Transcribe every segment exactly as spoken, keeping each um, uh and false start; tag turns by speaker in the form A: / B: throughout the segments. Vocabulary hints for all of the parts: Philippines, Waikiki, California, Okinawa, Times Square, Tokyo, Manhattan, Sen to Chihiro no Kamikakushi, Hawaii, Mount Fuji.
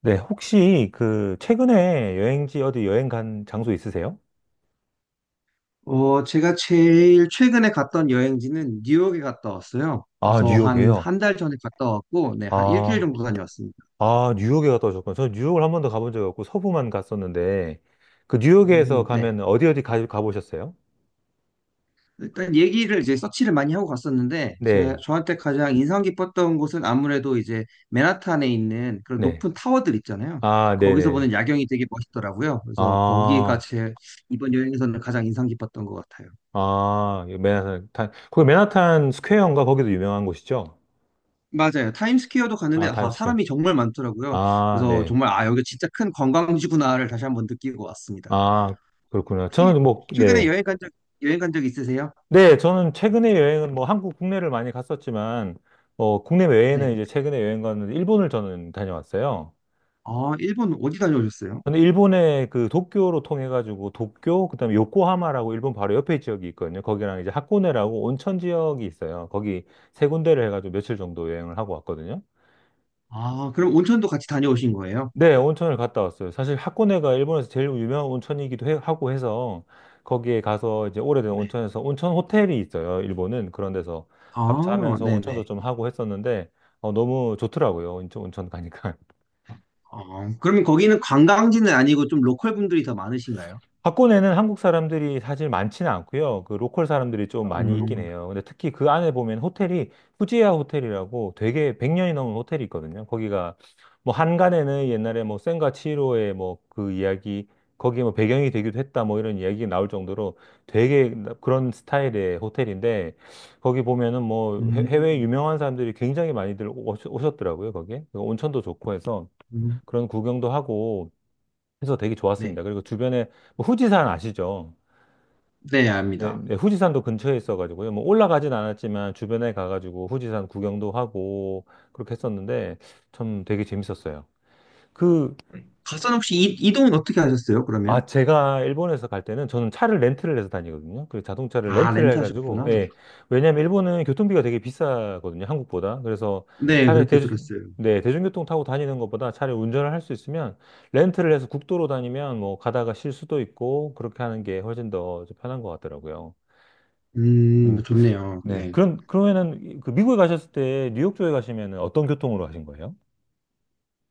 A: 네, 혹시 그 최근에 여행지 어디 여행 간 장소 있으세요?
B: 어, 제가 제일 최근에 갔던 여행지는 뉴욕에 갔다 왔어요.
A: 아,
B: 그래서 한,
A: 뉴욕이에요.
B: 한 달 전에 갔다 왔고, 네, 한 일주일
A: 아,
B: 정도 다녀왔습니다.
A: 아, 뉴욕에 갔다 오셨구나. 저는 뉴욕을 한 번도 가본 적이 없고 서부만 갔었는데 그 뉴욕에서
B: 음, 네.
A: 가면 어디 어디 가, 가보셨어요?
B: 일단 얘기를 이제 서치를 많이 하고 갔었는데, 제,
A: 네,
B: 저한테 가장 인상 깊었던 곳은 아무래도 이제 맨하탄에 있는 그런
A: 네.
B: 높은 타워들 있잖아요.
A: 아,
B: 거기서
A: 네네.
B: 보는 야경이 되게 멋있더라고요. 그래서 거기가
A: 아,
B: 제 이번 여행에서는 가장 인상 깊었던 것 같아요.
A: 아, 이 맨하탄, 탄- 거기 맨하탄 스퀘어인가? 거기도 유명한 곳이죠?
B: 맞아요. 타임스퀘어도 갔는데
A: 아,
B: 아,
A: 타임스퀘어.
B: 사람이 정말 많더라고요.
A: 아,
B: 그래서
A: 네.
B: 정말 아, 여기 진짜 큰 관광지구나를 다시 한 번 느끼고 왔습니다.
A: 아, 그렇구나.
B: 혹시
A: 저는 뭐,
B: 최근에
A: 네.
B: 여행 간 적, 여행 간 적 있으세요?
A: 네, 저는 최근에 여행은 뭐 한국 국내를 많이 갔었지만, 어, 국내 외에는
B: 네.
A: 이제 최근에 여행 갔는데, 일본을 저는 다녀왔어요.
B: 아, 일본 어디 다녀오셨어요?
A: 근데 일본의 그 도쿄로 통해가지고, 도쿄, 그다음에 요코하마라고 일본 바로 옆에 지역이 있거든요. 거기랑 이제 하코네라고 온천 지역이 있어요. 거기 세 군데를 해가지고 며칠 정도 여행을 하고 왔거든요.
B: 아, 그럼 온천도 같이 다녀오신 거예요?
A: 네, 온천을 갔다 왔어요. 사실 하코네가 일본에서 제일 유명한 온천이기도 해- 하고 해서 거기에 가서 이제 오래된 온천에서 온천 호텔이 있어요. 일본은 그런 데서 하루
B: 아,
A: 자면서
B: 네네.
A: 온천도 좀 하고 했었는데 어, 너무 좋더라고요. 온천, 온천 가니까.
B: 어, 그러면 거기는 관광지는 아니고 좀 로컬 분들이 더 많으신가요?
A: 박군에는 한국 사람들이 사실 많지는 않고요. 그 로컬 사람들이 좀
B: 음,
A: 많이 있긴
B: 음,
A: 해요. 근데 특히 그 안에 보면 호텔이 후지야 호텔이라고 되게 백 년이 넘은 호텔이 있거든요. 거기가 뭐 한간에는 옛날에 뭐 센과 치히로의 뭐 그 이야기 거기에 뭐 배경이 되기도 했다 뭐 이런 이야기 나올 정도로 되게 그런 스타일의 호텔인데 거기 보면은 뭐 해- 해외
B: 음,
A: 유명한 사람들이 굉장히 많이들 오셨- 오셨더라고요. 거기에 온천도 좋고 해서 그런 구경도 하고 해서 되게 좋았습니다.
B: 네.
A: 그리고 주변에 뭐 후지산 아시죠?
B: 네,
A: 네,
B: 압니다.
A: 네, 후지산도 근처에 있어가지고요. 뭐 올라가진 않았지만 주변에 가가지고 후지산 구경도 하고 그렇게 했었는데 참 되게 재밌었어요. 그
B: 가선 혹시 이, 이동은 어떻게 하셨어요, 그러면?
A: 아, 제가 일본에서 갈 때는 저는 차를 렌트를 해서 다니거든요. 그 자동차를
B: 아,
A: 렌트를 해가지고,
B: 렌트하셨구나.
A: 예. 왜냐면 일본은 교통비가 되게 비싸거든요. 한국보다. 그래서
B: 네,
A: 차라리
B: 그렇게
A: 대주,
B: 들었어요.
A: 네, 대중교통 타고 다니는 것보다 차라리 운전을 할 수 있으면 렌트를 해서 국도로 다니면 뭐 가다가 쉴 수도 있고 그렇게 하는 게 훨씬 더좀 편한 것 같더라고요. 음,
B: 음, 좋네요.
A: 네.
B: 네.
A: 그럼, 그러면은 이- 그 미국에 가셨을 때 뉴욕 쪽에 가시면은 어떤 교통으로 가신 거예요?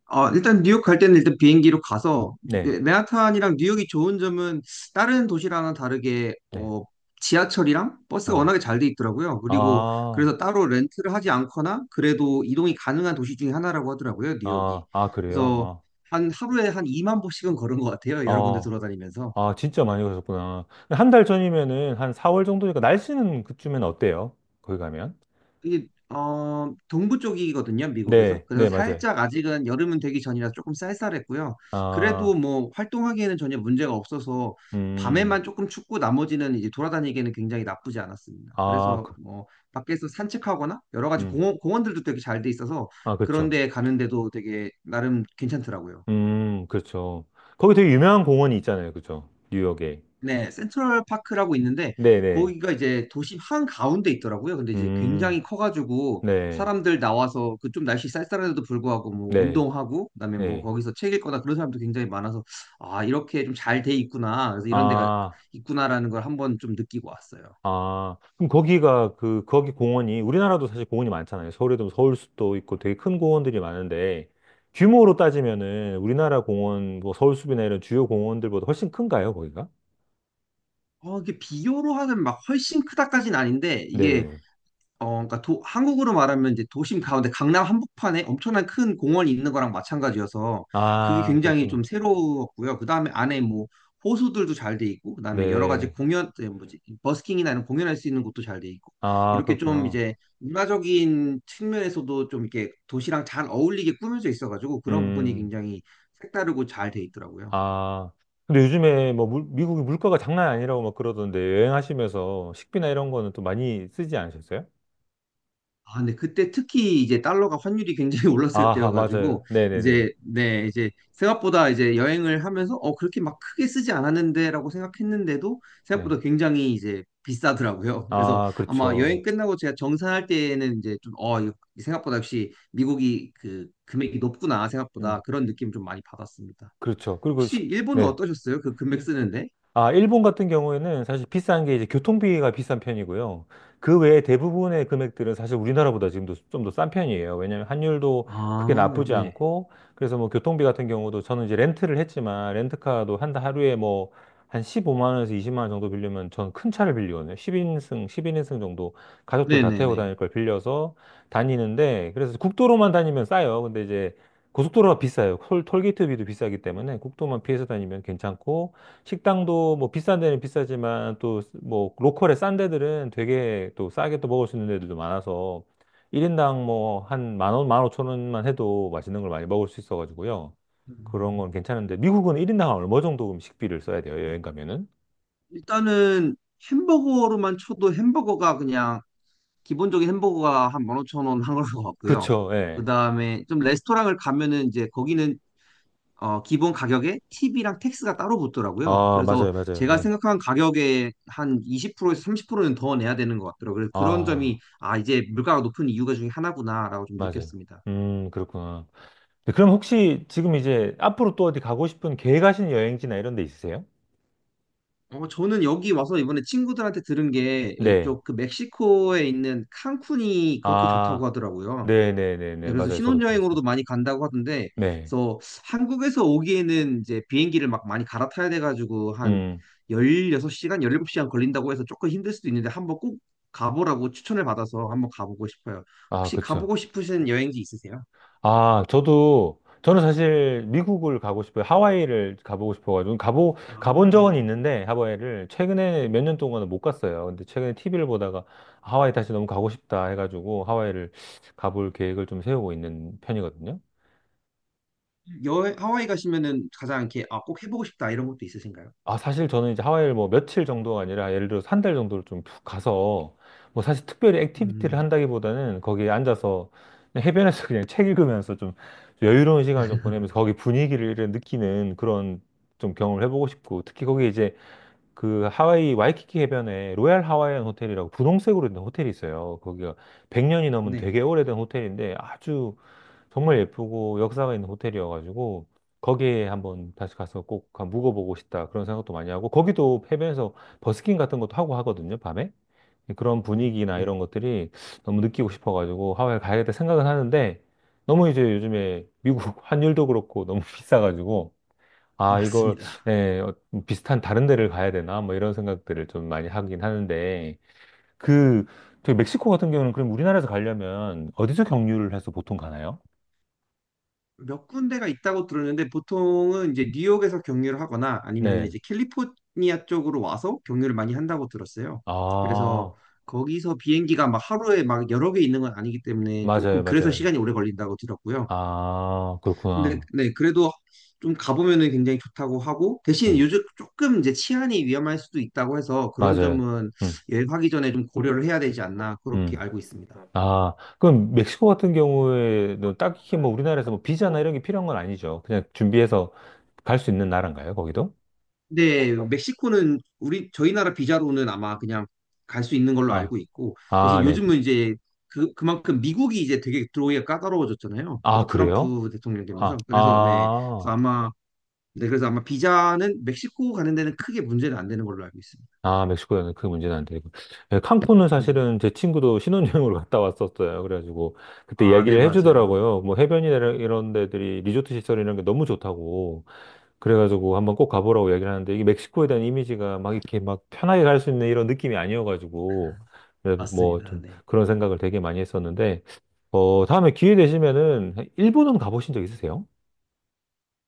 B: 어, 일단 뉴욕 갈 때는 일단 비행기로 가서,
A: 네.
B: 네, 맨하탄이랑 뉴욕이 좋은 점은 다른 도시랑은 다르게
A: 네.
B: 어, 지하철이랑 버스가
A: 어.
B: 워낙에 잘 돼 있더라고요. 그리고
A: 아,
B: 그래서 따로 렌트를 하지 않거나 그래도 이동이 가능한 도시 중에 하나라고 하더라고요, 뉴욕이.
A: 아, 아, 그래요?
B: 그래서
A: 아.
B: 한 하루에 한 이만 보씩은 걸은 것 같아요, 여러 군데
A: 어.
B: 돌아다니면서.
A: 아, 진짜 많이 가셨구나. 한 달 전이면은 한 사월 정도니까 날씨는 그쯤엔 어때요? 거기 가면?
B: 이게 어 동부 쪽이거든요, 미국에서.
A: 네,
B: 그래서
A: 네, 맞아요.
B: 살짝 아직은 여름은 되기 전이라 조금 쌀쌀했고요.
A: 아,
B: 그래도 뭐 활동하기에는 전혀 문제가 없어서
A: 음,
B: 밤에만 조금 춥고 나머지는 이제 돌아다니기에는 굉장히 나쁘지 않았습니다.
A: 아,
B: 그래서
A: 그,
B: 뭐 밖에서 산책하거나 여러 가지
A: 음,
B: 공원, 공원들도 되게 잘 돼 있어서
A: 아,
B: 그런
A: 그쵸.
B: 데 가는데도 되게 나름 괜찮더라고요.
A: 음, 그쵸. 거기 되게 유명한 공원이 있잖아요. 그쵸. 뉴욕에.
B: 네, 센트럴 파크라고 있는데
A: 네네.
B: 거기가 이제 도심 한가운데 있더라고요. 근데 이제
A: 음,
B: 굉장히 커가지고
A: 네,
B: 사람들 나와서 그 좀 날씨 쌀쌀한데도 불구하고 뭐
A: 네,
B: 운동하고 그다음에 뭐
A: 네.
B: 거기서 책 읽거나 그런 사람도 굉장히 많아서, 아, 이렇게 좀 잘 돼 있구나, 그래서 이런 데가
A: 아,
B: 있구나라는 걸 한번 좀 느끼고 왔어요.
A: 아, 그럼 거기가 그, 거기 공원이, 우리나라도 사실 공원이 많잖아요. 서울에도 서울숲도 있고 되게 큰 공원들이 많은데, 규모로 따지면은 우리나라 공원, 뭐 서울숲이나 이런 주요 공원들보다 훨씬 큰가요, 거기가?
B: 어, 이게 비교로 하면 막 훨씬 크다까진 아닌데, 이게
A: 네네.
B: 어, 그러니까 도- 한국으로 말하면 이제 도심 가운데 강남 한복판에 엄청난 큰 공원이 있는 거랑 마찬가지여서 그게
A: 아,
B: 굉장히
A: 그렇구나.
B: 좀 새로웠고요. 그다음에 안에 뭐 호수들도 잘 돼 있고, 그다음에 여러 가지
A: 네.
B: 공연, 에, 뭐지, 버스킹이나 이런 공연할 수 있는 곳도 잘 돼 있고,
A: 아,
B: 이렇게 좀
A: 그렇구나.
B: 이제 문화적인 측면에서도 좀 이렇게 도시랑 잘 어울리게 꾸며져 있어가지고 그런 부분이
A: 음,
B: 굉장히 색다르고 잘 돼 있더라고요.
A: 아. 근데 요즘에 뭐 물- 미국이 물가가 장난 아니라고 막 그러던데 여행하시면서 식비나 이런 거는 또 많이 쓰지 않으셨어요?
B: 아, 근데 그때 특히 이제 달러가 환율이 굉장히 올랐을
A: 아하, 맞아요.
B: 때여가지고
A: 네네네.
B: 이제 네 이제 생각보다 이제 여행을 하면서 어 그렇게 막 크게 쓰지 않았는데라고 생각했는데도
A: 네.
B: 생각보다 굉장히 이제 비싸더라고요. 그래서
A: 아,
B: 아마
A: 그렇죠.
B: 여행 끝나고 제가 정산할 때에는 이제 좀어 생각보다 역시 미국이 그 금액이 높구나,
A: 음.
B: 생각보다 그런 느낌 좀 많이 받았습니다.
A: 그렇죠. 그리고
B: 혹시
A: 식,
B: 일본은
A: 네.
B: 어떠셨어요? 그 금액
A: 이-
B: 쓰는데?
A: 아, 일본 같은 경우에는 사실 비싼 게 이제 교통비가 비싼 편이고요. 그 외에 대부분의 금액들은 사실 우리나라보다 지금도 좀 더 싼 편이에요. 왜냐하면 환율도
B: 아,
A: 크게 나쁘지
B: 네.
A: 않고, 그래서 뭐 교통비 같은 경우도 저는 이제 렌트를 했지만, 렌트카도 한 하루에 뭐 한 십오만 원에서 이십만 원 정도 빌리면 저는 큰 차를 빌리거든요. 십 인승, 일 영 인승 정도 가족들 다 태우고
B: 네네네.
A: 다닐 걸 빌려서 다니는데, 그래서 국도로만 다니면 싸요. 근데 이제 고속도로가 비싸요. 톨, 톨게이트비도 비싸기 때문에 국도만 피해서 다니면 괜찮고, 식당도 뭐 비싼 데는 비싸지만 또 뭐 로컬의 싼 데들은 되게 또 싸게 또 먹을 수 있는 데들도 많아서 일 인당 뭐 한 만 원, 만 오천 원만 해도 맛있는 걸 많이 먹을 수 있어가지고요. 그런
B: 음,
A: 건 괜찮은데 미국은 일 인당 얼마 정도 음 식비를 써야 돼요? 여행 가면은?
B: 일단은 햄버거로만 쳐도 햄버거가 그냥 기본적인 햄버거가 한 만 오천 원 한 걸로 같고요.
A: 그쵸,
B: 그
A: 예.
B: 다음에 좀 레스토랑을 가면은 이제 거기는 어, 기본 가격에 팁이랑 텍스가 따로 붙더라고요.
A: 아, 맞아요,
B: 그래서
A: 맞아요.
B: 제가
A: 예.
B: 생각한 가격에 한 이십 프로에서 삼십 프로는 더 내야 되는 것 같더라고요. 그래서 그런
A: 아,
B: 점이 아, 이제 물가가 높은 이유가 중에 하나구나라고 좀
A: 맞아요.
B: 느꼈습니다.
A: 음, 그렇구나. 네, 그럼 혹시 지금 이제 앞으로 또 어디 가고 싶은 계획하신 여행지나 이런 데 있으세요?
B: 어, 저는 여기 와서 이번에 친구들한테 들은 게,
A: 네.
B: 저그 멕시코에 있는 칸쿤이 그렇게 좋다고
A: 아,
B: 하더라고요. 네,
A: 네네네네.
B: 그래서
A: 맞아요. 저도 들었어요.
B: 신혼여행으로도 많이 간다고 하던데,
A: 네.
B: 그래서 한국에서 오기에는 이제 비행기를 막 많이 갈아타야 돼가지고 한
A: 음.
B: 열여섯 시간, 열일곱 시간 걸린다고 해서 조금 힘들 수도 있는데 한번 꼭 가보라고 추천을 받아서 한번 가보고 싶어요.
A: 아,
B: 혹시
A: 그쵸.
B: 가보고 싶으신 여행지 있으세요?
A: 아, 저도, 저는 사실 미국을 가고 싶어요. 하와이를 가보고 싶어가지고, 가보,
B: 아,
A: 가본 적은
B: 네.
A: 있는데, 하와이를 최근에 몇 년 동안은 못 갔어요. 근데 최근에 티비를 보다가 하와이 다시 너무 가고 싶다 해가지고, 하와이를 가볼 계획을 좀 세우고 있는 편이거든요.
B: 여, 하와이 가시면은 가장 이렇게, 아, 꼭 해보고 싶다 이런 것도 있으신가요?
A: 아, 사실 저는 이제 하와이를 뭐 며칠 정도가 아니라 예를 들어서 한 달 정도를 좀 푹 가서 뭐 사실 특별히 액티비티를
B: 음,
A: 한다기보다는 거기에 앉아서 그냥 해변에서 그냥 책 읽으면서 좀 여유로운 시간을 좀 보내면서 거기 분위기를 느끼는 그런 좀 경험을 해보고 싶고 특히 거기 이제 그 하와이 와이키키 해변에 로얄 하와이안 호텔이라고 분홍색으로 된 호텔이 있어요. 거기가 백 년이 넘은
B: 네,
A: 되게 오래된 호텔인데 아주 정말 예쁘고 역사가 있는 호텔이어가지고 거기에 한번 다시 가서 꼭 가- 묵어보고 싶다 그런 생각도 많이 하고 거기도 해변에서 버스킹 같은 것도 하고 하거든요, 밤에. 그런
B: 네,
A: 분위기나 이런
B: 네.
A: 것들이 너무 느끼고 싶어가지고 하와이 가야겠다 생각은 하는데 너무 이제 요즘에 미국 환율도 그렇고 너무 비싸가지고 아, 이걸,
B: 맞습니다.
A: 예, 어, 비슷한 다른 데를 가야 되나? 뭐 이런 생각들을 좀 많이 하긴 하는데, 그, 저기 멕시코 같은 경우는 그럼 우리나라에서 가려면 어디서 경유를 해서 보통 가나요?
B: 몇 군데가 있다고 들었는데 보통은 이제 뉴욕에서 경유를 하거나 아니면
A: 네.
B: 이제 캘리포니아 쪽으로 와서 경유를 많이 한다고 들었어요.
A: 아,
B: 그래서 거기서 비행기가 막 하루에 막 여러 개 있는 건 아니기 때문에
A: 맞아요,
B: 조금, 그래서
A: 맞아요.
B: 시간이 오래 걸린다고 들었고요.
A: 아,
B: 근데
A: 그렇구나.
B: 네, 그래도 좀 가보면은 굉장히 좋다고 하고, 대신
A: 음,
B: 요즘 조금 이제 치안이 위험할 수도 있다고 해서 그런
A: 맞아요.
B: 점은
A: 음,
B: 여행하기 전에 좀 고려를 해야 되지 않나 그렇게
A: 음.
B: 알고 있습니다.
A: 아, 그럼 멕시코 같은 경우에는 딱히 뭐 우리나라에서 뭐 비자나 이런 게 필요한 건 아니죠. 그냥 준비해서 갈 수 있는 나라인가요, 거기도?
B: 근데 멕시코는 우리 저희 나라 비자로는 아마 그냥 갈 수 있는 걸로
A: 아,
B: 알고 있고, 대신
A: 아, 네.
B: 요즘은 이제 그 그만큼 미국이 이제 되게 들어오기가 까다로워졌잖아요. 그
A: 아, 그래요?
B: 트럼프 대통령
A: 아,
B: 되면서. 그래서 네, 그래서
A: 아.
B: 아마 네 그래서 아마 비자는 멕시코 가는 데는 크게 문제는 안 되는 걸로 알고 있습니다.
A: 아, 멕시코에는 그 문제는 안 되고. 예, 칸쿤은
B: 네네.
A: 사실은 제 친구도 신혼여행으로 갔다 왔었어요. 그래가지고 그때
B: 아, 네,
A: 이야기를
B: 맞아요.
A: 해주더라고요. 뭐 해변이나 이런 데들이 리조트 시설 이런 게 너무 좋다고. 그래가지고 한번 꼭 가보라고 얘기를 하는데 이게 멕시코에 대한 이미지가 막 이렇게 막 편하게 갈 수 있는 이런 느낌이 아니어가지고 그래서 뭐
B: 맞습니다.
A: 좀
B: 네.
A: 그런 생각을 되게 많이 했었는데 어, 다음에 기회 되시면은 일본은 가보신 적 있으세요?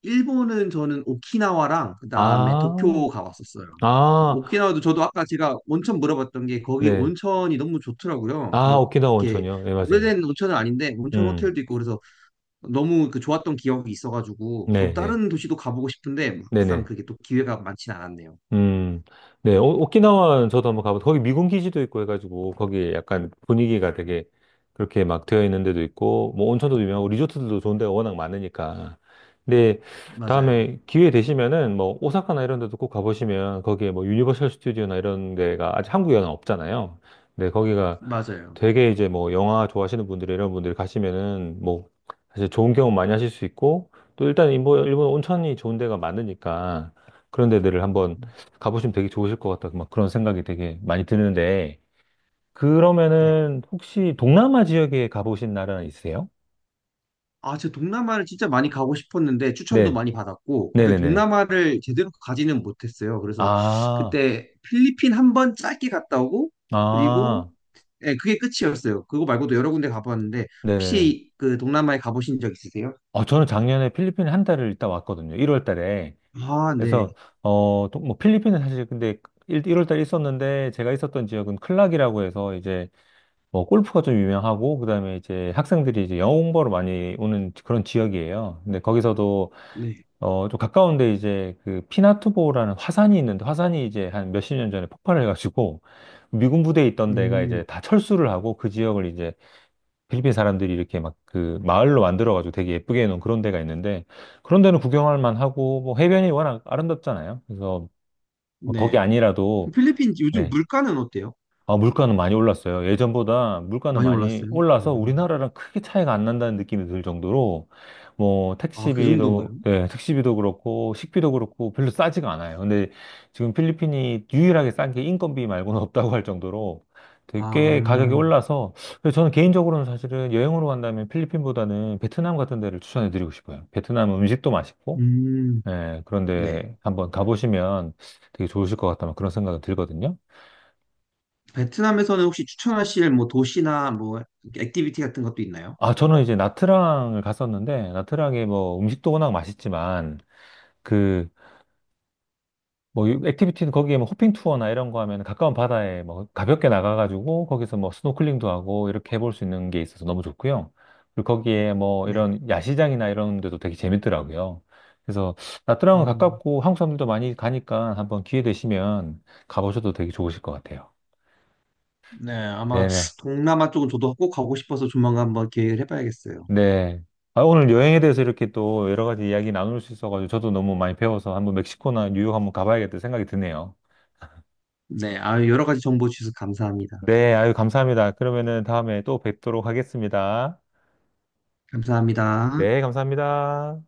B: 일본은 저는 오키나와랑 그다음에
A: 아,
B: 도쿄 가봤었어요.
A: 아,
B: 오키나와도 저도 아까 제가 온천 물어봤던 게 거기
A: 네.
B: 온천이 너무 좋더라고요.
A: 아,
B: 막
A: 오키나와
B: 이렇게
A: 온천이요? 예, 맞아요.
B: 오래된 온천은 아닌데 온천
A: 음,
B: 호텔도 있고 그래서 너무 그 좋았던 기억이 있어가지고 저도
A: 네, 예.
B: 다른 도시도 가보고 싶은데 막상
A: 네네.
B: 그게 또 기회가 많진 않았네요.
A: 음, 네, 오, 오키나와는 저도 한번 가봤, 거기 미군 기지도 있고 해가지고, 거기 약간 분위기가 되게 그렇게 막 되어 있는 데도 있고, 뭐 온천도 유명하고, 리조트들도 좋은 데가 워낙 많으니까. 근데
B: 맞아요,
A: 다음에 기회 되시면은, 뭐, 오사카나 이런 데도 꼭 가보시면, 거기에 뭐, 유니버셜 스튜디오나 이런 데가 아직 한국 영화 없잖아요. 근데 거기가
B: 맞아요.
A: 되게 이제 뭐, 영화 좋아하시는 분들, 이런 분들이 가시면은, 뭐, 사실 좋은 경험 많이 하실 수 있고, 또 일단 일본, 일본 온천이 좋은 데가 많으니까, 그런 데들을 한번 가보시면 되게 좋으실 것 같다. 막 그런 생각이 되게 많이 드는데,
B: 네.
A: 그러면은 혹시 동남아 지역에 가보신 나라 있으세요?
B: 아, 제가 동남아를 진짜 많이 가고 싶었는데 추천도
A: 네,
B: 많이 받았고, 근데
A: 네네네.
B: 동남아를 제대로 가지는 못했어요. 그래서
A: 아,
B: 그때 필리핀 한 번 짧게 갔다 오고,
A: 아,
B: 그리고 예, 그게 끝이었어요. 그거 말고도 여러 군데 가봤는데,
A: 네네.
B: 혹시 그 동남아에 가보신 적 있으세요?
A: 어, 저는 작년에 필리핀에 한 달을 있다 왔거든요. 일 월 달에.
B: 아, 네,
A: 그래서, 어, 또 뭐, 필리핀은 사실 근데 일, 월 달에 있었는데, 제가 있었던 지역은 클락이라고 해서 이제 뭐, 골프가 좀 유명하고, 그 다음에 이제 학생들이 이제 영어 공부하러 많이 오는 그런 지역이에요. 근데 거기서도
B: 네,
A: 어, 좀 가까운데 이제 그 피나투보라는 화산이 있는데 화산이 이제 한 몇십 년 전에 폭발을 해가지고 미군 부대에 있던 데가
B: 음,
A: 이제 다 철수를 하고 그 지역을 이제 필리핀 사람들이 이렇게 막 그 마을로 만들어가지고 되게 예쁘게 해놓은 그런 데가 있는데 그런 데는 구경할 만하고 뭐 해변이 워낙 아름답잖아요. 그래서 뭐 거기
B: 네.
A: 아니라도
B: 그럼 필리핀 요즘
A: 네,
B: 물가는 어때요?
A: 아, 물가는 많이 올랐어요. 예전보다 물가는
B: 많이
A: 많이
B: 올랐어요?
A: 올라서
B: 음.
A: 우리나라랑 크게 차이가 안 난다는 느낌이 들 정도로 뭐
B: 아, 그
A: 택시비도
B: 정도인가요?
A: 네, 택시비도 그렇고 식비도 그렇고 별로 싸지가 않아요. 근데 지금 필리핀이 유일하게 싼 게 인건비 말고는 없다고 할 정도로 되게 가격이
B: 아,
A: 올라서 그래서 저는 개인적으로는 사실은 여행으로 간다면 필리핀보다는 베트남 같은 데를 추천해 드리고 싶어요. 베트남은 음식도 맛있고
B: 음,
A: 예,
B: 네.
A: 그런데 한번 가보시면 되게 좋으실 것 같다는 그런 생각이 들거든요.
B: 베트남에서는 혹시 추천하실 뭐 도시나 뭐 액티비티 같은 것도 있나요?
A: 아, 저는 이제 나트랑을 갔었는데, 나트랑에 뭐 음식도 워낙 맛있지만, 그, 뭐, 유- 액티비티는 거기에 뭐 호핑 투어나 이런 거 하면 가까운 바다에 뭐 가볍게 나가가지고 거기서 뭐 스노클링도 하고 이렇게 해볼 수 있는 게 있어서 너무 좋고요. 그리고 거기에 뭐
B: 네.
A: 이런 야시장이나 이런 데도 되게 재밌더라고요. 그래서 나트랑은
B: 음,
A: 가깝고 한국 사람들도 많이 가니까 한번 기회 되시면 가보셔도 되게 좋으실 것 같아요.
B: 네, 아마
A: 네네.
B: 동남아 쪽은 저도 꼭 가고 싶어서 조만간 한번 계획을 해봐야겠어요.
A: 네. 아, 오늘 여행에 대해서 이렇게 또 여러 가지 이야기 나눌 수 있어가지고 저도 너무 많이 배워서 한번 멕시코나 뉴욕 한번 가봐야겠다 생각이 드네요.
B: 네, 아, 여러 가지 정보 주셔서 감사합니다.
A: 네, 아유, 감사합니다. 그러면은 다음에 또 뵙도록 하겠습니다.
B: 감사합니다.
A: 네, 감사합니다.